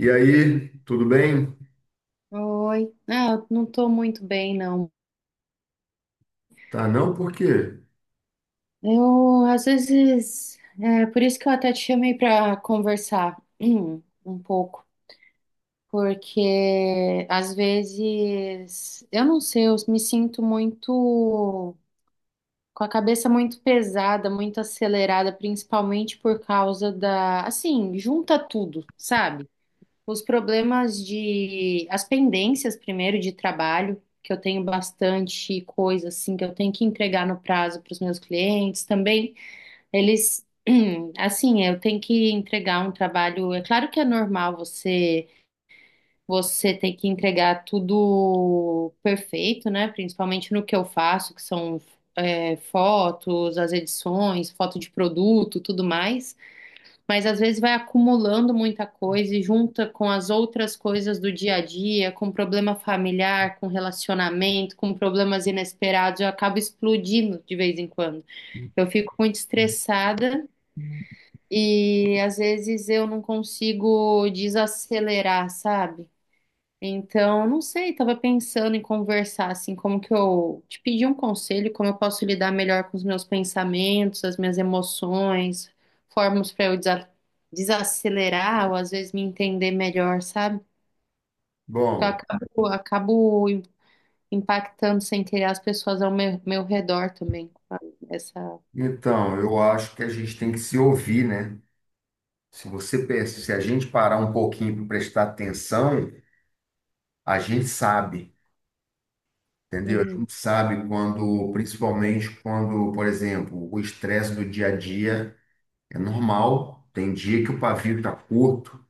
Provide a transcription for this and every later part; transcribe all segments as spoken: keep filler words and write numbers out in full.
E aí, tudo bem? Oi. Não, eu não tô muito bem, não. Tá, não? Por quê? Eu, às vezes, é por isso que eu até te chamei para conversar um pouco, porque às vezes, eu não sei, eu me sinto muito, com a cabeça muito pesada, muito acelerada, principalmente por causa da, assim, junta tudo, sabe? Os problemas de, as pendências primeiro de trabalho, que eu tenho bastante coisa assim que eu tenho que entregar no prazo para os meus clientes também. Eles, assim, eu tenho que entregar um trabalho. É claro que é normal você você ter que entregar tudo perfeito, né? Principalmente no que eu faço, que são é, fotos, as edições, foto de produto, tudo mais. Mas às vezes vai acumulando muita coisa e junta com as outras coisas do dia a dia, com problema familiar, com relacionamento, com problemas inesperados, eu acabo explodindo de vez em quando. Eu fico muito estressada e às vezes eu não consigo desacelerar, sabe? Então, não sei, tava pensando em conversar assim, como que eu te pedir um conselho, como eu posso lidar melhor com os meus pensamentos, as minhas emoções, formas para eu desa- desacelerar ou às vezes me entender melhor, sabe? Que eu Bom, acabo, acabo im- impactando sem querer as pessoas ao meu, meu redor também. com a- Essa, então, eu acho que a gente tem que se ouvir, né? Se você pensa, se a gente parar um pouquinho para prestar atenção, a gente sabe, entendeu? A Uhum. gente sabe quando, principalmente quando, por exemplo, o estresse do dia a dia é normal, tem dia que o pavio tá curto,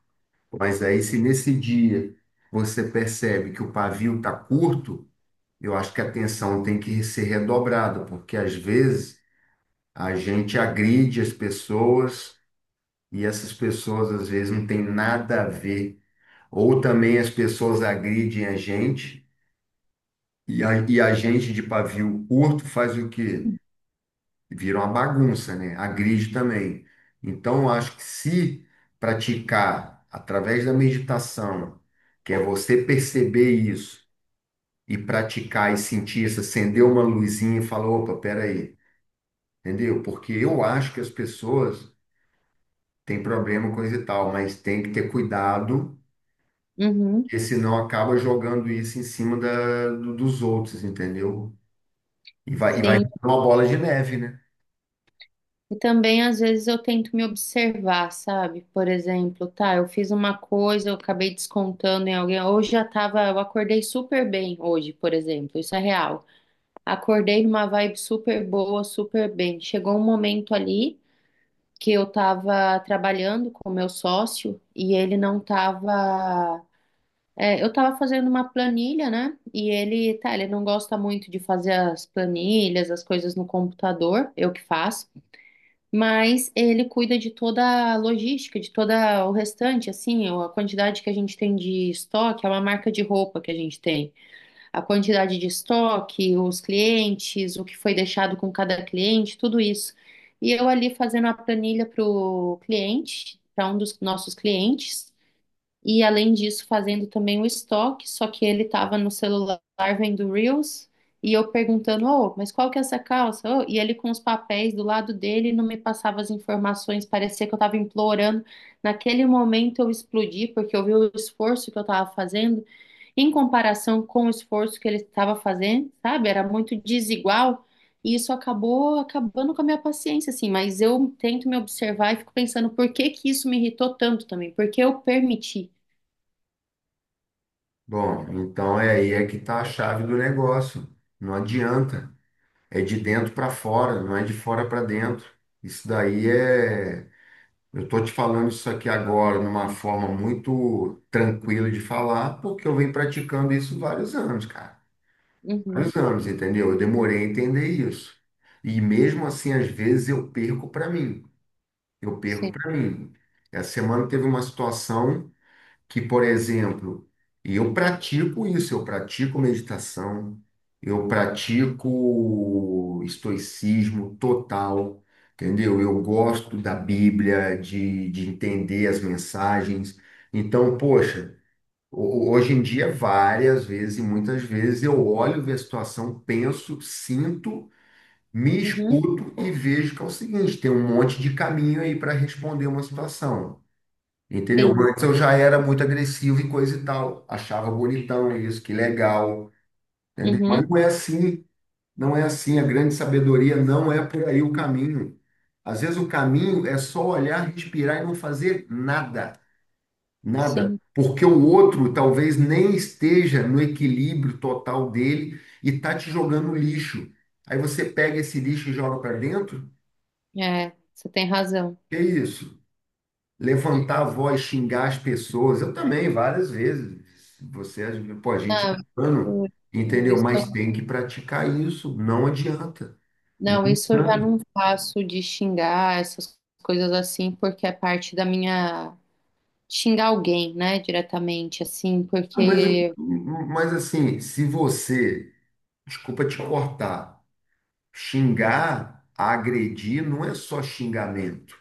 mas aí se nesse dia você percebe que o pavio tá curto, eu acho que a atenção tem que ser redobrada, porque às vezes a gente agride as pessoas e essas pessoas às vezes não têm nada a ver. Ou também as pessoas agridem a gente e a, e a gente de pavio curto faz o quê? Vira uma bagunça, né? Agride também. Então, eu acho que se praticar através da meditação, que é você perceber isso e praticar e sentir isso, acender uma luzinha e falar, opa, peraí, entendeu? Porque eu acho que as pessoas tem problema, com isso e tal, mas tem que ter cuidado, Uhum. porque senão acaba jogando isso em cima da, do- dos outros, entendeu? E vai, e vai Sim. virar uma bola de neve, né? E também, às vezes, eu tento me observar, sabe? Por exemplo, tá, eu fiz uma coisa, eu acabei descontando em alguém. Hoje já tava, eu acordei super bem hoje, por exemplo, isso é real. Acordei numa vibe super boa, super bem. Chegou um momento ali que eu tava trabalhando com o meu sócio e ele não tava. É, eu tava fazendo uma planilha, né? E ele, tá, ele não gosta muito de fazer as planilhas, as coisas no computador, eu que faço, mas ele cuida de toda a logística, de toda o restante, assim, a quantidade que a gente tem de estoque, é uma marca de roupa que a gente tem. A quantidade de estoque, os clientes, o que foi deixado com cada cliente, tudo isso. E eu ali fazendo a planilha para o cliente, para um dos nossos clientes. E além disso, fazendo também o estoque, só que ele estava no celular vendo Reels e eu perguntando, oh, mas qual que é essa calça? Ô, e ele com os papéis do lado dele não me passava as informações, parecia que eu estava implorando. Naquele momento eu explodi porque eu vi o esforço que eu estava fazendo em comparação com o esforço que ele estava fazendo, sabe? Era muito desigual. E isso acabou acabando com a minha paciência, assim, mas eu tento me observar e fico pensando por que que isso me irritou tanto também, porque eu permiti. Bom, então é aí é que tá a chave do negócio. Não adianta. É de dentro para fora, não é de fora para dentro. Isso daí é. Eu tô te falando isso aqui agora numa forma muito tranquila de falar, porque eu venho praticando isso vários anos, cara. Uhum, Vários anos, entendeu? Eu demorei a entender isso. E mesmo assim, às vezes eu perco para mim. Eu perco sim. para mim. Essa semana teve uma situação que, por exemplo, e eu pratico isso, eu pratico meditação, eu pratico estoicismo total, entendeu? Eu gosto da Bíblia, de, de entender as mensagens. Então, poxa. Ho- Hoje em dia, várias vezes e muitas vezes eu olho, vejo a situação, penso, sinto, me Uhum, escuto e vejo que é o seguinte, tem um monte de caminho aí para responder uma situação. Entendeu? sim. Antes eu já era muito agressivo e coisa e tal, achava bonitão isso, que legal, entendeu? Mas Uhum, não é assim, não é assim, a grande sabedoria não é por aí o caminho. Às vezes o caminho é só olhar, respirar e não fazer nada. Nada, sim. porque o outro talvez nem esteja no equilíbrio total dele e tá te jogando lixo. Aí você pega esse lixo e joga para dentro? É, você tem razão. Que isso? Levantar a voz, xingar as pessoas. Eu também, várias vezes. Você, pô, a gente é Não, humano, eu- eu- entendeu? isso, Mas tem que praticar isso, não adianta. não, isso eu já não faço de xingar essas coisas assim, porque é parte da minha. Xingar alguém, né, diretamente, assim, Ah, mas, eu- porque. mas assim, se você, desculpa te cortar, xingar, agredir, não é só xingamento.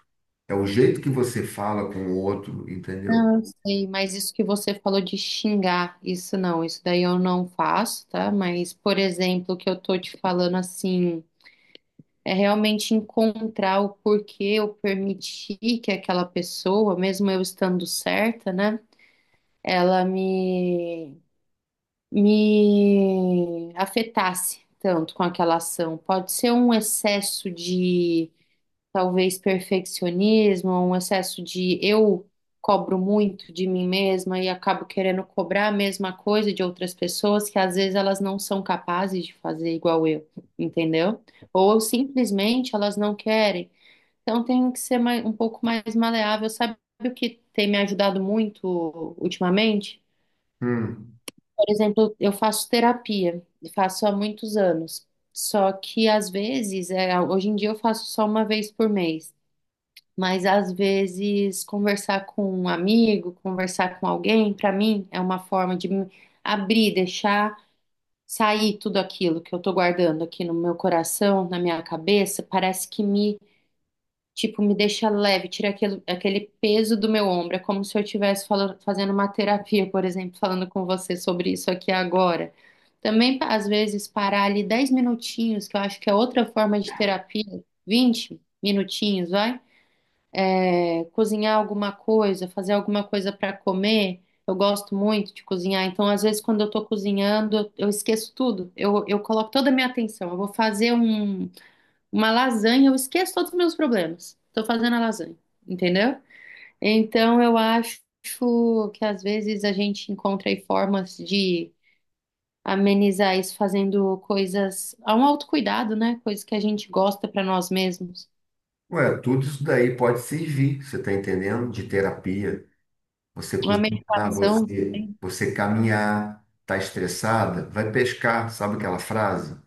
É o jeito que você fala com o outro, entendeu? Não, eu sei, mas isso que você falou de xingar, isso não, isso daí eu não faço, tá? Mas, por exemplo, que eu tô te falando assim. É realmente encontrar o porquê eu permiti que aquela pessoa, mesmo eu estando certa, né, ela me, me afetasse tanto com aquela ação. Pode ser um excesso de, talvez, perfeccionismo, um excesso de eu cobro muito de mim mesma e acabo querendo cobrar a mesma coisa de outras pessoas que às vezes elas não são capazes de fazer igual eu, entendeu? Ou simplesmente elas não querem. Então tenho que ser mais, um pouco mais maleável. Sabe o que tem me ajudado muito ultimamente? Hum. Por exemplo, eu faço terapia, e faço há muitos anos. Só que às vezes, é, hoje em dia eu faço só uma vez por mês, mas às vezes conversar com um amigo, conversar com alguém, para mim é uma forma de me abrir, deixar sair tudo aquilo que eu tô guardando aqui no meu coração, na minha cabeça, parece que me tipo, me deixa leve, tira aquele, aquele peso do meu ombro. É como se eu estivesse fala- fazendo uma terapia, por exemplo, falando com você sobre isso aqui agora. Também, pa- às vezes, parar ali dez minutinhos, que eu acho que é outra forma de terapia, vinte minutinhos, vai? É, cozinhar alguma coisa, fazer alguma coisa para comer. Eu gosto muito de cozinhar, então, às vezes, quando eu tô cozinhando, eu esqueço tudo. Eu, eu coloco toda a minha atenção. Eu vou fazer um. Uma lasanha, eu esqueço todos os meus problemas. Tô fazendo a lasanha, entendeu? Então eu acho que às vezes a gente encontra aí formas de amenizar isso fazendo coisas, há um autocuidado, né? Coisas que a gente gosta para nós mesmos. Ué, tudo isso daí pode servir, você está entendendo? De terapia. Você Uma cozinhar, meditação. você, você caminhar, tá estressada, vai pescar, sabe aquela frase?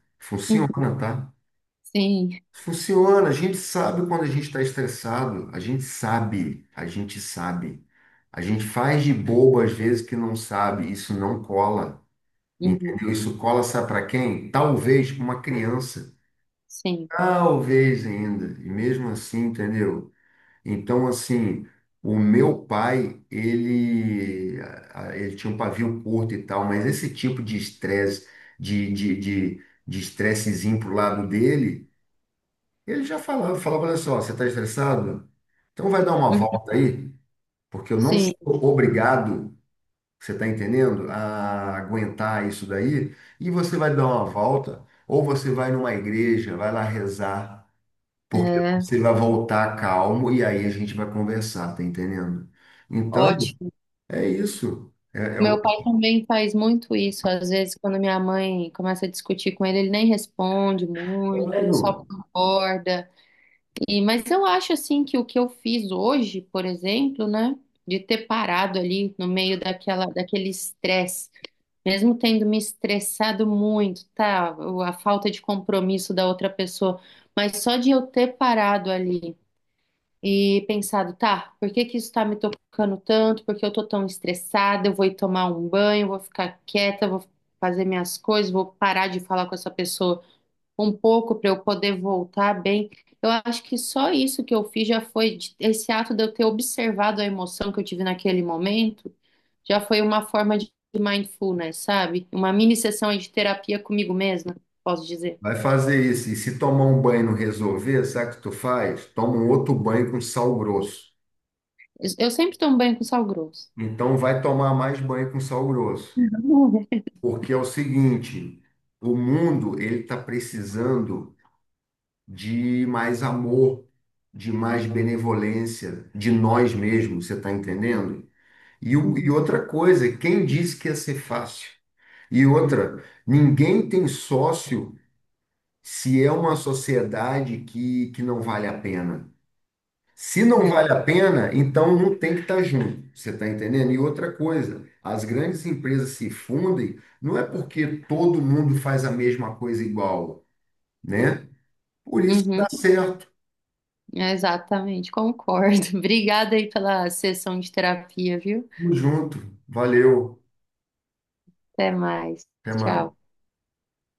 Uhum, Funciona, tá? sim, Funciona, a gente sabe quando a gente está estressado, a gente sabe, a gente sabe. A gente faz de bobo às vezes que não sabe, isso não cola. uhum, Entendeu? Isso cola, sabe para quem? Talvez uma criança. sim, Talvez ainda. E mesmo assim, entendeu? Então, assim, o meu pai, ele, a- a- ele tinha um pavio curto e tal, mas esse tipo de estresse, de, de, de, de estressezinho pro lado dele, ele já falava, falava, olha só, você está estressado? Então vai dar uma uhum, volta aí, porque eu não sim, sou obrigado, você está entendendo? A aguentar isso daí. E você vai dar uma volta, ou você vai numa igreja, vai lá rezar, porque é você vai voltar calmo e aí a gente vai conversar, tá entendendo? Então, ótimo. é isso. É, é o... Meu pai também faz muito isso. Às vezes, quando minha mãe começa a discutir com ele, ele nem responde muito, ele só Claro. concorda. E, mas eu acho assim que o que eu fiz hoje, por exemplo, né, de ter parado ali no meio daquela, daquele estresse, mesmo tendo me estressado muito, tá, o- a falta de compromisso da outra pessoa, mas só de eu ter parado ali e pensado, tá, por que que isso tá me tocando tanto? Por que eu tô tão estressada? Eu vou ir tomar um banho, vou ficar quieta, vou fazer minhas coisas, vou parar de falar com essa pessoa um pouco para eu poder voltar bem. Eu acho que só isso que eu fiz já foi de- esse ato de eu ter observado a emoção que eu tive naquele momento, já foi uma forma de mindfulness, sabe? Uma mini sessão aí de terapia comigo mesma, posso dizer. Vai fazer isso. E se tomar um banho e não resolver, sabe o que tu faz? Toma um outro banho com sal grosso. Eu eu sempre tomo banho com sal grosso. Então, vai tomar mais banho com sal grosso. Uhum. Porque é o seguinte, o mundo, ele está precisando de mais amor, de mais benevolência de nós mesmos, você está entendendo? E, o- e outra coisa, quem disse que ia ser fácil? E outra, ninguém tem sócio se é uma sociedade que, que não vale a pena. Se não É, vale a pena, então não tem que estar junto, você está entendendo? E outra coisa, as grandes empresas se fundem não é porque todo mundo faz a mesma coisa igual, né? Por isso que uhum. dá certo. É, exatamente, concordo. Obrigada aí pela sessão de terapia, viu? Tamo junto. Valeu. Até mais. Até Tchau. mais.